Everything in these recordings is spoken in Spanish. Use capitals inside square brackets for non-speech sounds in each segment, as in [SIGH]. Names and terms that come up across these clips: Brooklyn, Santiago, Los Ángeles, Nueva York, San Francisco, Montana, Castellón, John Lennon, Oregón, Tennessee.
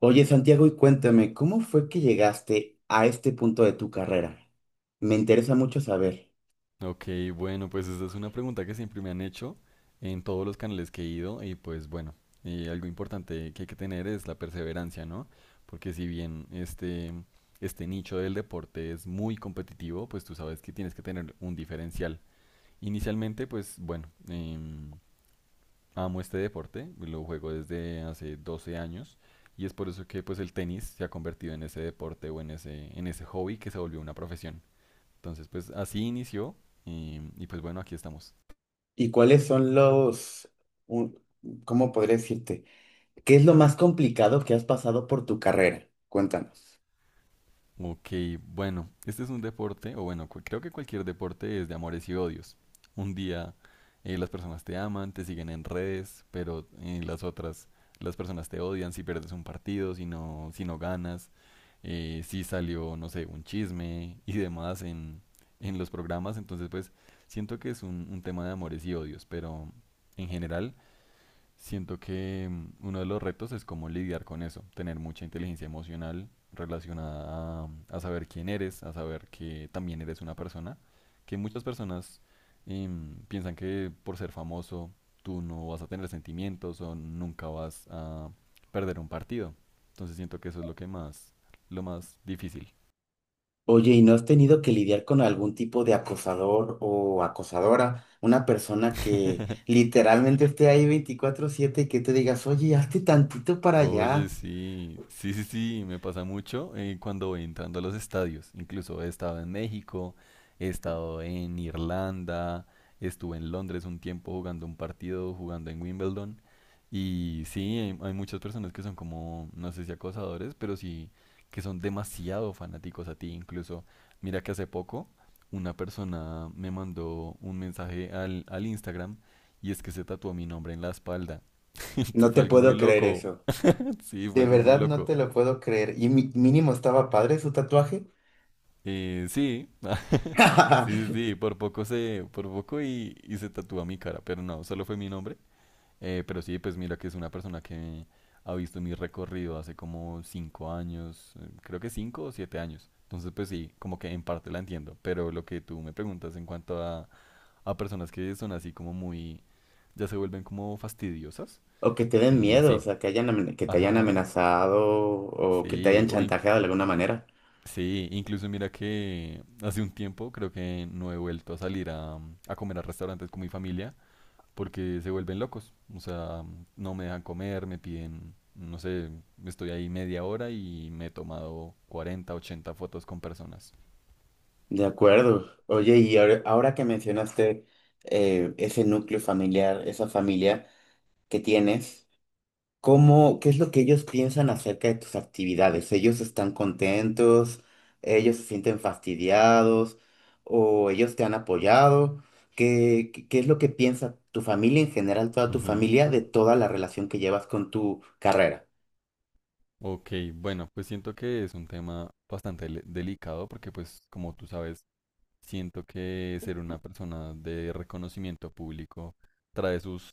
Oye, Santiago, y cuéntame, ¿cómo fue que llegaste a este punto de tu carrera? Me interesa mucho saber. Ok, bueno, pues esta es una pregunta que siempre me han hecho en todos los canales que he ido y pues bueno, algo importante que hay que tener es la perseverancia, ¿no? Porque si bien este nicho del deporte es muy competitivo, pues tú sabes que tienes que tener un diferencial. Inicialmente, pues bueno, amo este deporte, lo juego desde hace 12 años y es por eso que pues el tenis se ha convertido en ese deporte o en ese hobby que se volvió una profesión. Entonces, pues así inició y pues bueno, aquí estamos. ¿Y cuáles son un- cómo podría decirte? Qué es lo más complicado que has pasado por tu carrera? Cuéntanos. Ok, bueno, este es un deporte, o bueno, creo que cualquier deporte es de amores y odios. Un día las personas te aman, te siguen en redes, pero las otras, las personas te odian si pierdes un partido, si no ganas, si salió, no sé, un chisme y demás en los programas. Entonces, pues siento que es un tema de amores y odios, pero en general siento que uno de los retos es cómo lidiar con eso, tener mucha inteligencia emocional relacionada a saber quién eres, a saber que también eres una persona, que muchas personas piensan que por ser famoso tú no vas a tener sentimientos o nunca vas a perder un partido. Entonces siento que eso es lo que más, lo más difícil. Oye, ¿y no has tenido que lidiar con algún tipo de acosador o acosadora? Una persona que [LAUGHS] literalmente esté ahí 24/7 y que te digas, oye, hazte tantito para Oye, allá. sí, sí, sí, sí, me pasa mucho cuando voy entrando a los estadios. Incluso he estado en México, he estado en Irlanda, estuve en Londres un tiempo jugando un partido, jugando en Wimbledon. Y sí, hay muchas personas que son como, no sé si acosadores, pero sí que son demasiado fanáticos a ti. Incluso, mira que hace poco una persona me mandó un mensaje al Instagram y es que se tatuó mi nombre en la espalda. [LAUGHS] No Fue te algo muy puedo creer loco. eso. Sí, fue De algo muy verdad no loco. te lo puedo creer. Y mínimo estaba padre su tatuaje. Sí, [LAUGHS] sí, sí, [LAUGHS] sí, por poco se, por poco y se tatúa mi cara, pero no, solo fue mi nombre. Pero sí, pues mira que es una persona que ha visto mi recorrido hace como cinco años, creo que cinco o siete años. Entonces, pues sí, como que en parte la entiendo, pero lo que tú me preguntas en cuanto a personas que son así como muy, ya se vuelven como fastidiosas. O que te den Eh, miedo, o sí, sea, que que te hayan ajá, amenazado o que te sí, hayan o chantajeado de alguna manera. sí, incluso mira que hace un tiempo creo que no he vuelto a salir a comer a restaurantes con mi familia porque se vuelven locos. O sea, no me dejan comer, me piden, no sé, estoy ahí media hora y me he tomado 40 80 fotos con personas. De acuerdo. Oye, y ahora que mencionaste ese núcleo familiar, esa familia que tienes. ¿Cómo, qué es lo que ellos piensan acerca de tus actividades? ¿Ellos están contentos? ¿Ellos se sienten fastidiados? ¿O ellos te han apoyado? ¿Qué es lo que piensa tu familia en general, toda tu Ujú. familia, de toda la relación que llevas con tu carrera? Ok, bueno, pues siento que es un tema bastante delicado porque pues como tú sabes, siento que ser una persona de reconocimiento público trae sus,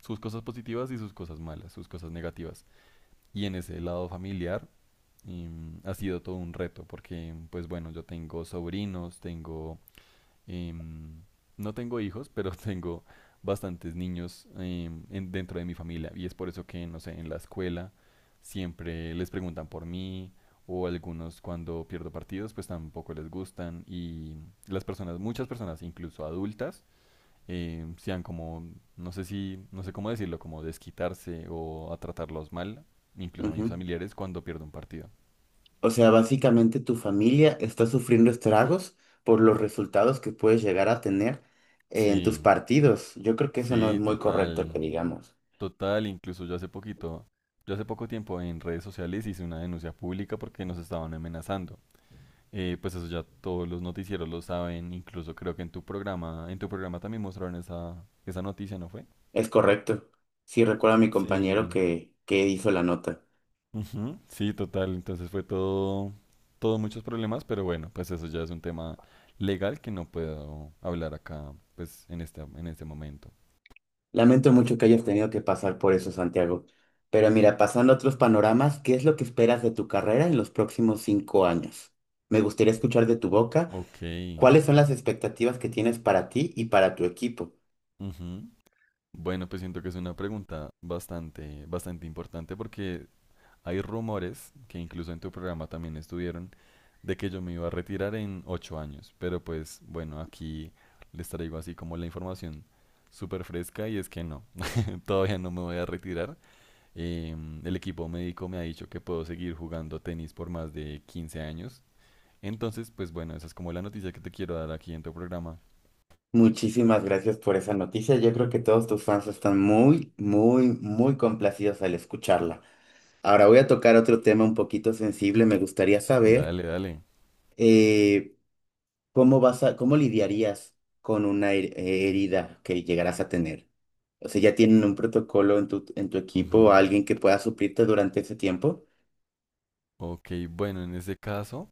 sus cosas positivas y sus cosas malas, sus cosas negativas. Y en ese lado familiar ha sido todo un reto porque, pues bueno, yo tengo sobrinos, tengo... em, no tengo hijos, [LAUGHS] pero tengo bastantes niños dentro de mi familia. Y es por eso que, no sé, en la escuela siempre les preguntan por mí o algunos cuando pierdo partidos pues tampoco les gustan y las personas, muchas personas, incluso adultas, sean como, no sé si, no sé cómo decirlo, como desquitarse o a tratarlos mal, incluso a mis Ujú. familiares, cuando pierdo un partido. O sea, básicamente tu familia está sufriendo estragos por los resultados que puedes llegar a tener en tus Sí, partidos. Yo creo que eso no es sí, muy correcto total, que digamos. total, incluso yo hace poquito, yo hace poco tiempo en redes sociales hice una denuncia pública porque nos estaban amenazando. Pues eso ya todos los noticieros lo saben, incluso creo que en tu programa también mostraron esa noticia, ¿no fue? Es correcto. Sí, recuerdo a mi compañero Sí. que hizo la nota. Ujú, sí, total. Entonces fue todo muchos problemas, pero bueno, pues eso ya es un tema legal que no puedo hablar acá, pues en este momento. Lamento mucho que hayas tenido que pasar por eso, Santiago. Pero mira, pasando a otros panoramas, ¿qué es lo que esperas de tu carrera en los próximos 5 años? Me gustaría escuchar de tu boca Ok, cuáles son las expectativas que tienes para ti y para tu equipo. ujú. Bueno, pues siento que es una pregunta bastante, bastante importante porque hay rumores que incluso en tu programa también estuvieron de que yo me iba a retirar en 8 años, pero pues bueno, aquí les traigo así como la información súper fresca y es que no, [LAUGHS] todavía no me voy a retirar. Eh, el equipo médico me ha dicho que puedo seguir jugando tenis por más de 15 años. Entonces, pues bueno, esa es como la noticia que te quiero dar aquí en tu programa. Muchísimas gracias por esa noticia. Yo creo que todos tus fans están muy, muy, muy complacidos al escucharla. Ahora voy a tocar otro tema un poquito sensible. Me gustaría saber... Dale, dale. eh, ¿Cómo cómo lidiarías con una herida que llegarás a tener? O sea, ¿ya tienen un protocolo en tu equipo o Ujú. alguien que pueda suplirte durante ese tiempo? Ok, bueno, en ese caso,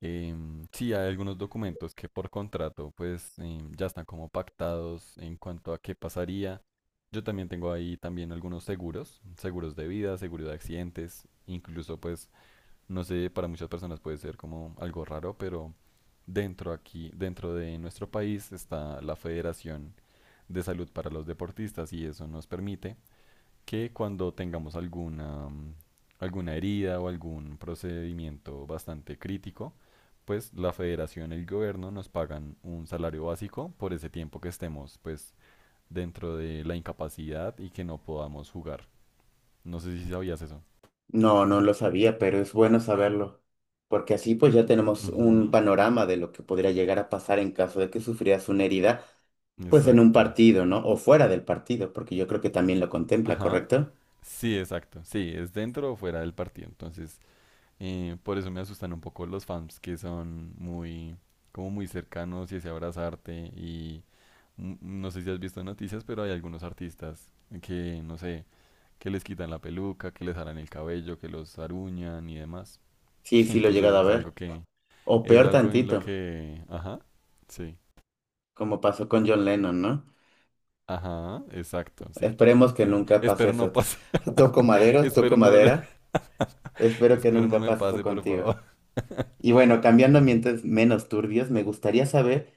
sí hay algunos documentos que por contrato pues ya están como pactados en cuanto a qué pasaría. Yo también tengo ahí también algunos seguros, seguros de vida, seguros de accidentes, incluso pues, no sé, para muchas personas puede ser como algo raro, pero dentro aquí, dentro de nuestro país está la Federación de Salud para los Deportistas y eso nos permite que cuando tengamos alguna, alguna herida o algún procedimiento bastante crítico, pues la federación, y el gobierno nos pagan un salario básico por ese tiempo que estemos pues dentro de la incapacidad y que no podamos jugar. No sé si sabías eso. No, no lo sabía, pero es bueno saberlo, porque así pues ya tenemos un Ujú. panorama de lo que podría llegar a pasar en caso de que sufrieras una herida, pues en un Exacto. partido, ¿no? O fuera del partido, porque yo creo que también lo contempla, Ajá. ¿correcto? Sí, exacto. Sí, es dentro o fuera del partido. Entonces, por eso me asustan un poco los fans que son muy, como muy cercanos y ese abrazarte. Y no sé si has visto noticias, pero hay algunos artistas que, no sé, que les quitan la peluca, que les harán el cabello, que los aruñan y demás. Sí, [LAUGHS] sí lo he llegado Entonces a es algo ver. que, O es peor algo en lo tantito, que, sí, como pasó con John Lennon, ¿no? ajá, exacto, sí. Esperemos que [LAUGHS] nunca pase Espero no eso. pase, Toco [LAUGHS] madero, toco espero madera. [LAUGHS] Espero que espero no nunca me pase eso pase, por contigo. favor. [LAUGHS] Y bueno, cambiando a Sí. ambientes menos turbios, me gustaría saber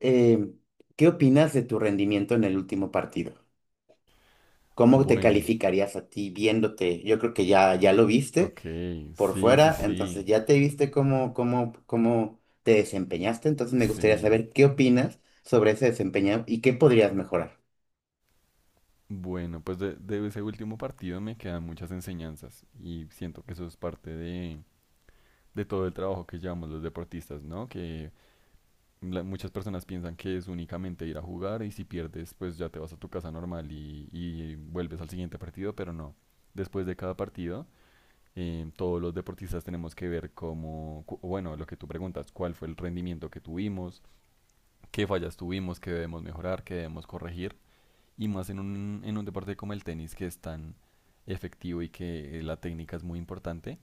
eh, ¿qué opinas de tu rendimiento en el último partido? ¿Cómo te Bueno, calificarías a ti viéndote? Yo creo que ya lo viste ok, por sí, sí, fuera, entonces sí, ya te viste cómo te desempeñaste. Entonces me gustaría sí. saber qué opinas sobre ese desempeño y qué podrías mejorar. Bueno, pues de ese último partido me quedan muchas enseñanzas y siento que eso es parte de todo el trabajo que llevamos los deportistas, ¿no? Que muchas personas piensan que es únicamente ir a jugar y si pierdes, pues ya te vas a tu casa normal y vuelves al siguiente partido, pero no. Después de cada partido, todos los deportistas tenemos que ver cómo, bueno, lo que tú preguntas, cuál fue el rendimiento que tuvimos, qué fallas tuvimos, qué debemos mejorar, qué debemos corregir y más en un deporte como el tenis que es tan efectivo y que la técnica es muy importante.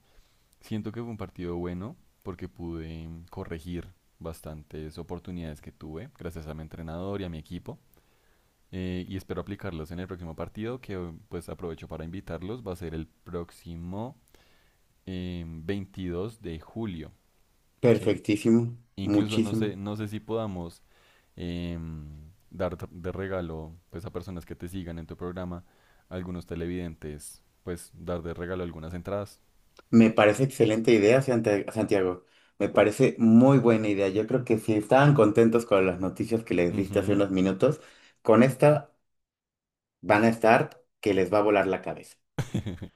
Siento que fue un partido bueno porque pude corregir bastantes oportunidades que tuve gracias a mi entrenador y a mi equipo y espero aplicarlos en el próximo partido que pues aprovecho para invitarlos va a ser el próximo 22 de julio, ¿sí? Perfectísimo, Incluso no muchísimo. sé, no sé si podamos em, dar de regalo pues a personas que te sigan en tu programa, a algunos televidentes, pues dar de regalo algunas entradas. Me parece excelente idea, Santiago. Me parece muy buena idea. Yo creo que si estaban contentos con las noticias que les diste hace Ujú. unos minutos, con esta van a estar que les va a volar la cabeza. [LAUGHS]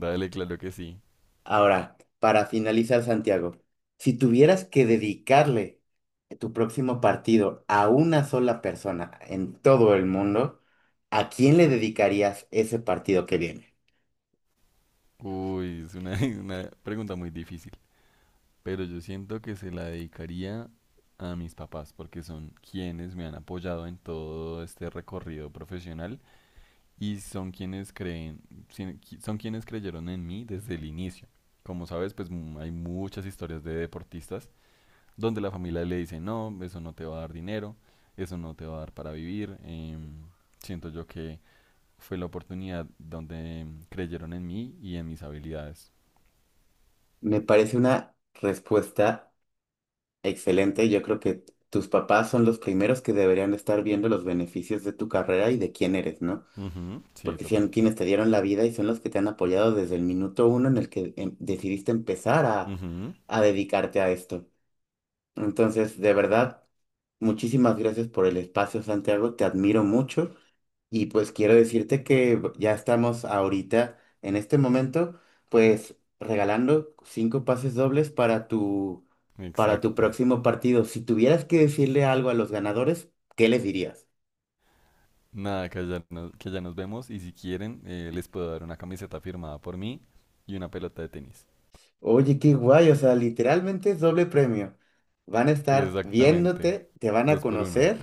Dale, claro que sí. Ahora, para finalizar, Santiago, si tuvieras que dedicarle tu próximo partido a una sola persona en todo el mundo, ¿a quién le dedicarías ese partido que viene? Uy, es una, [LAUGHS] una pregunta muy difícil, pero yo siento que se la dedicaría a mis papás porque son quienes me han apoyado en todo este recorrido profesional y son quienes creen, son quienes creyeron en mí desde el inicio. Como sabes, pues hay muchas historias de deportistas donde la familia le dice, no, eso no te va a dar dinero, eso no te va a dar para vivir. Siento yo que fue la oportunidad donde creyeron en mí y en mis habilidades. Me parece una respuesta excelente, yo creo que tus papás son los primeros que deberían estar viendo los beneficios de tu carrera y de quién eres, ¿no? Ujú, sí, Porque total. son quienes te dieron la vida y son los que te han apoyado desde el minuto uno en el que decidiste empezar Ujú, a dedicarte a esto. Entonces, de verdad, muchísimas gracias por el espacio, Santiago, te admiro mucho y pues quiero decirte que ya estamos ahorita, en este momento, pues regalando cinco pases dobles para tu exacto. próximo partido. Si tuvieras que decirle algo a los ganadores, ¿qué les dirías? Nada, que ya nos vemos y si quieren les puedo dar una camiseta firmada por mí y una pelota de tenis. Oye, qué guay, o sea, literalmente es doble premio. Van a estar Exactamente. viéndote, te van a Dos por uno. conocer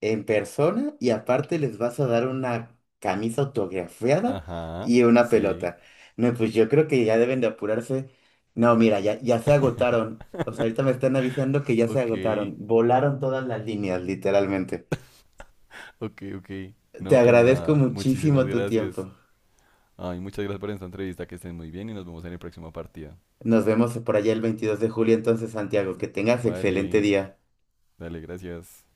en persona y aparte les vas a dar una camisa autografiada Ajá, y una sí. pelota. No, pues yo creo que ya deben de apurarse. No, mira, ya se agotaron. O sea, ahorita me [LAUGHS] están avisando que ya se Ok. agotaron. Volaron todas las líneas, literalmente. [LAUGHS] Ok, ok. Te No, pues agradezco nada, muchísimas muchísimo tu gracias. tiempo. Ay, muchas gracias por esta entrevista, que estén muy bien y nos vemos en la próxima partida. Nos vemos por allá el 22 de julio, entonces, Santiago. Que tengas excelente Vale, día. dale, gracias.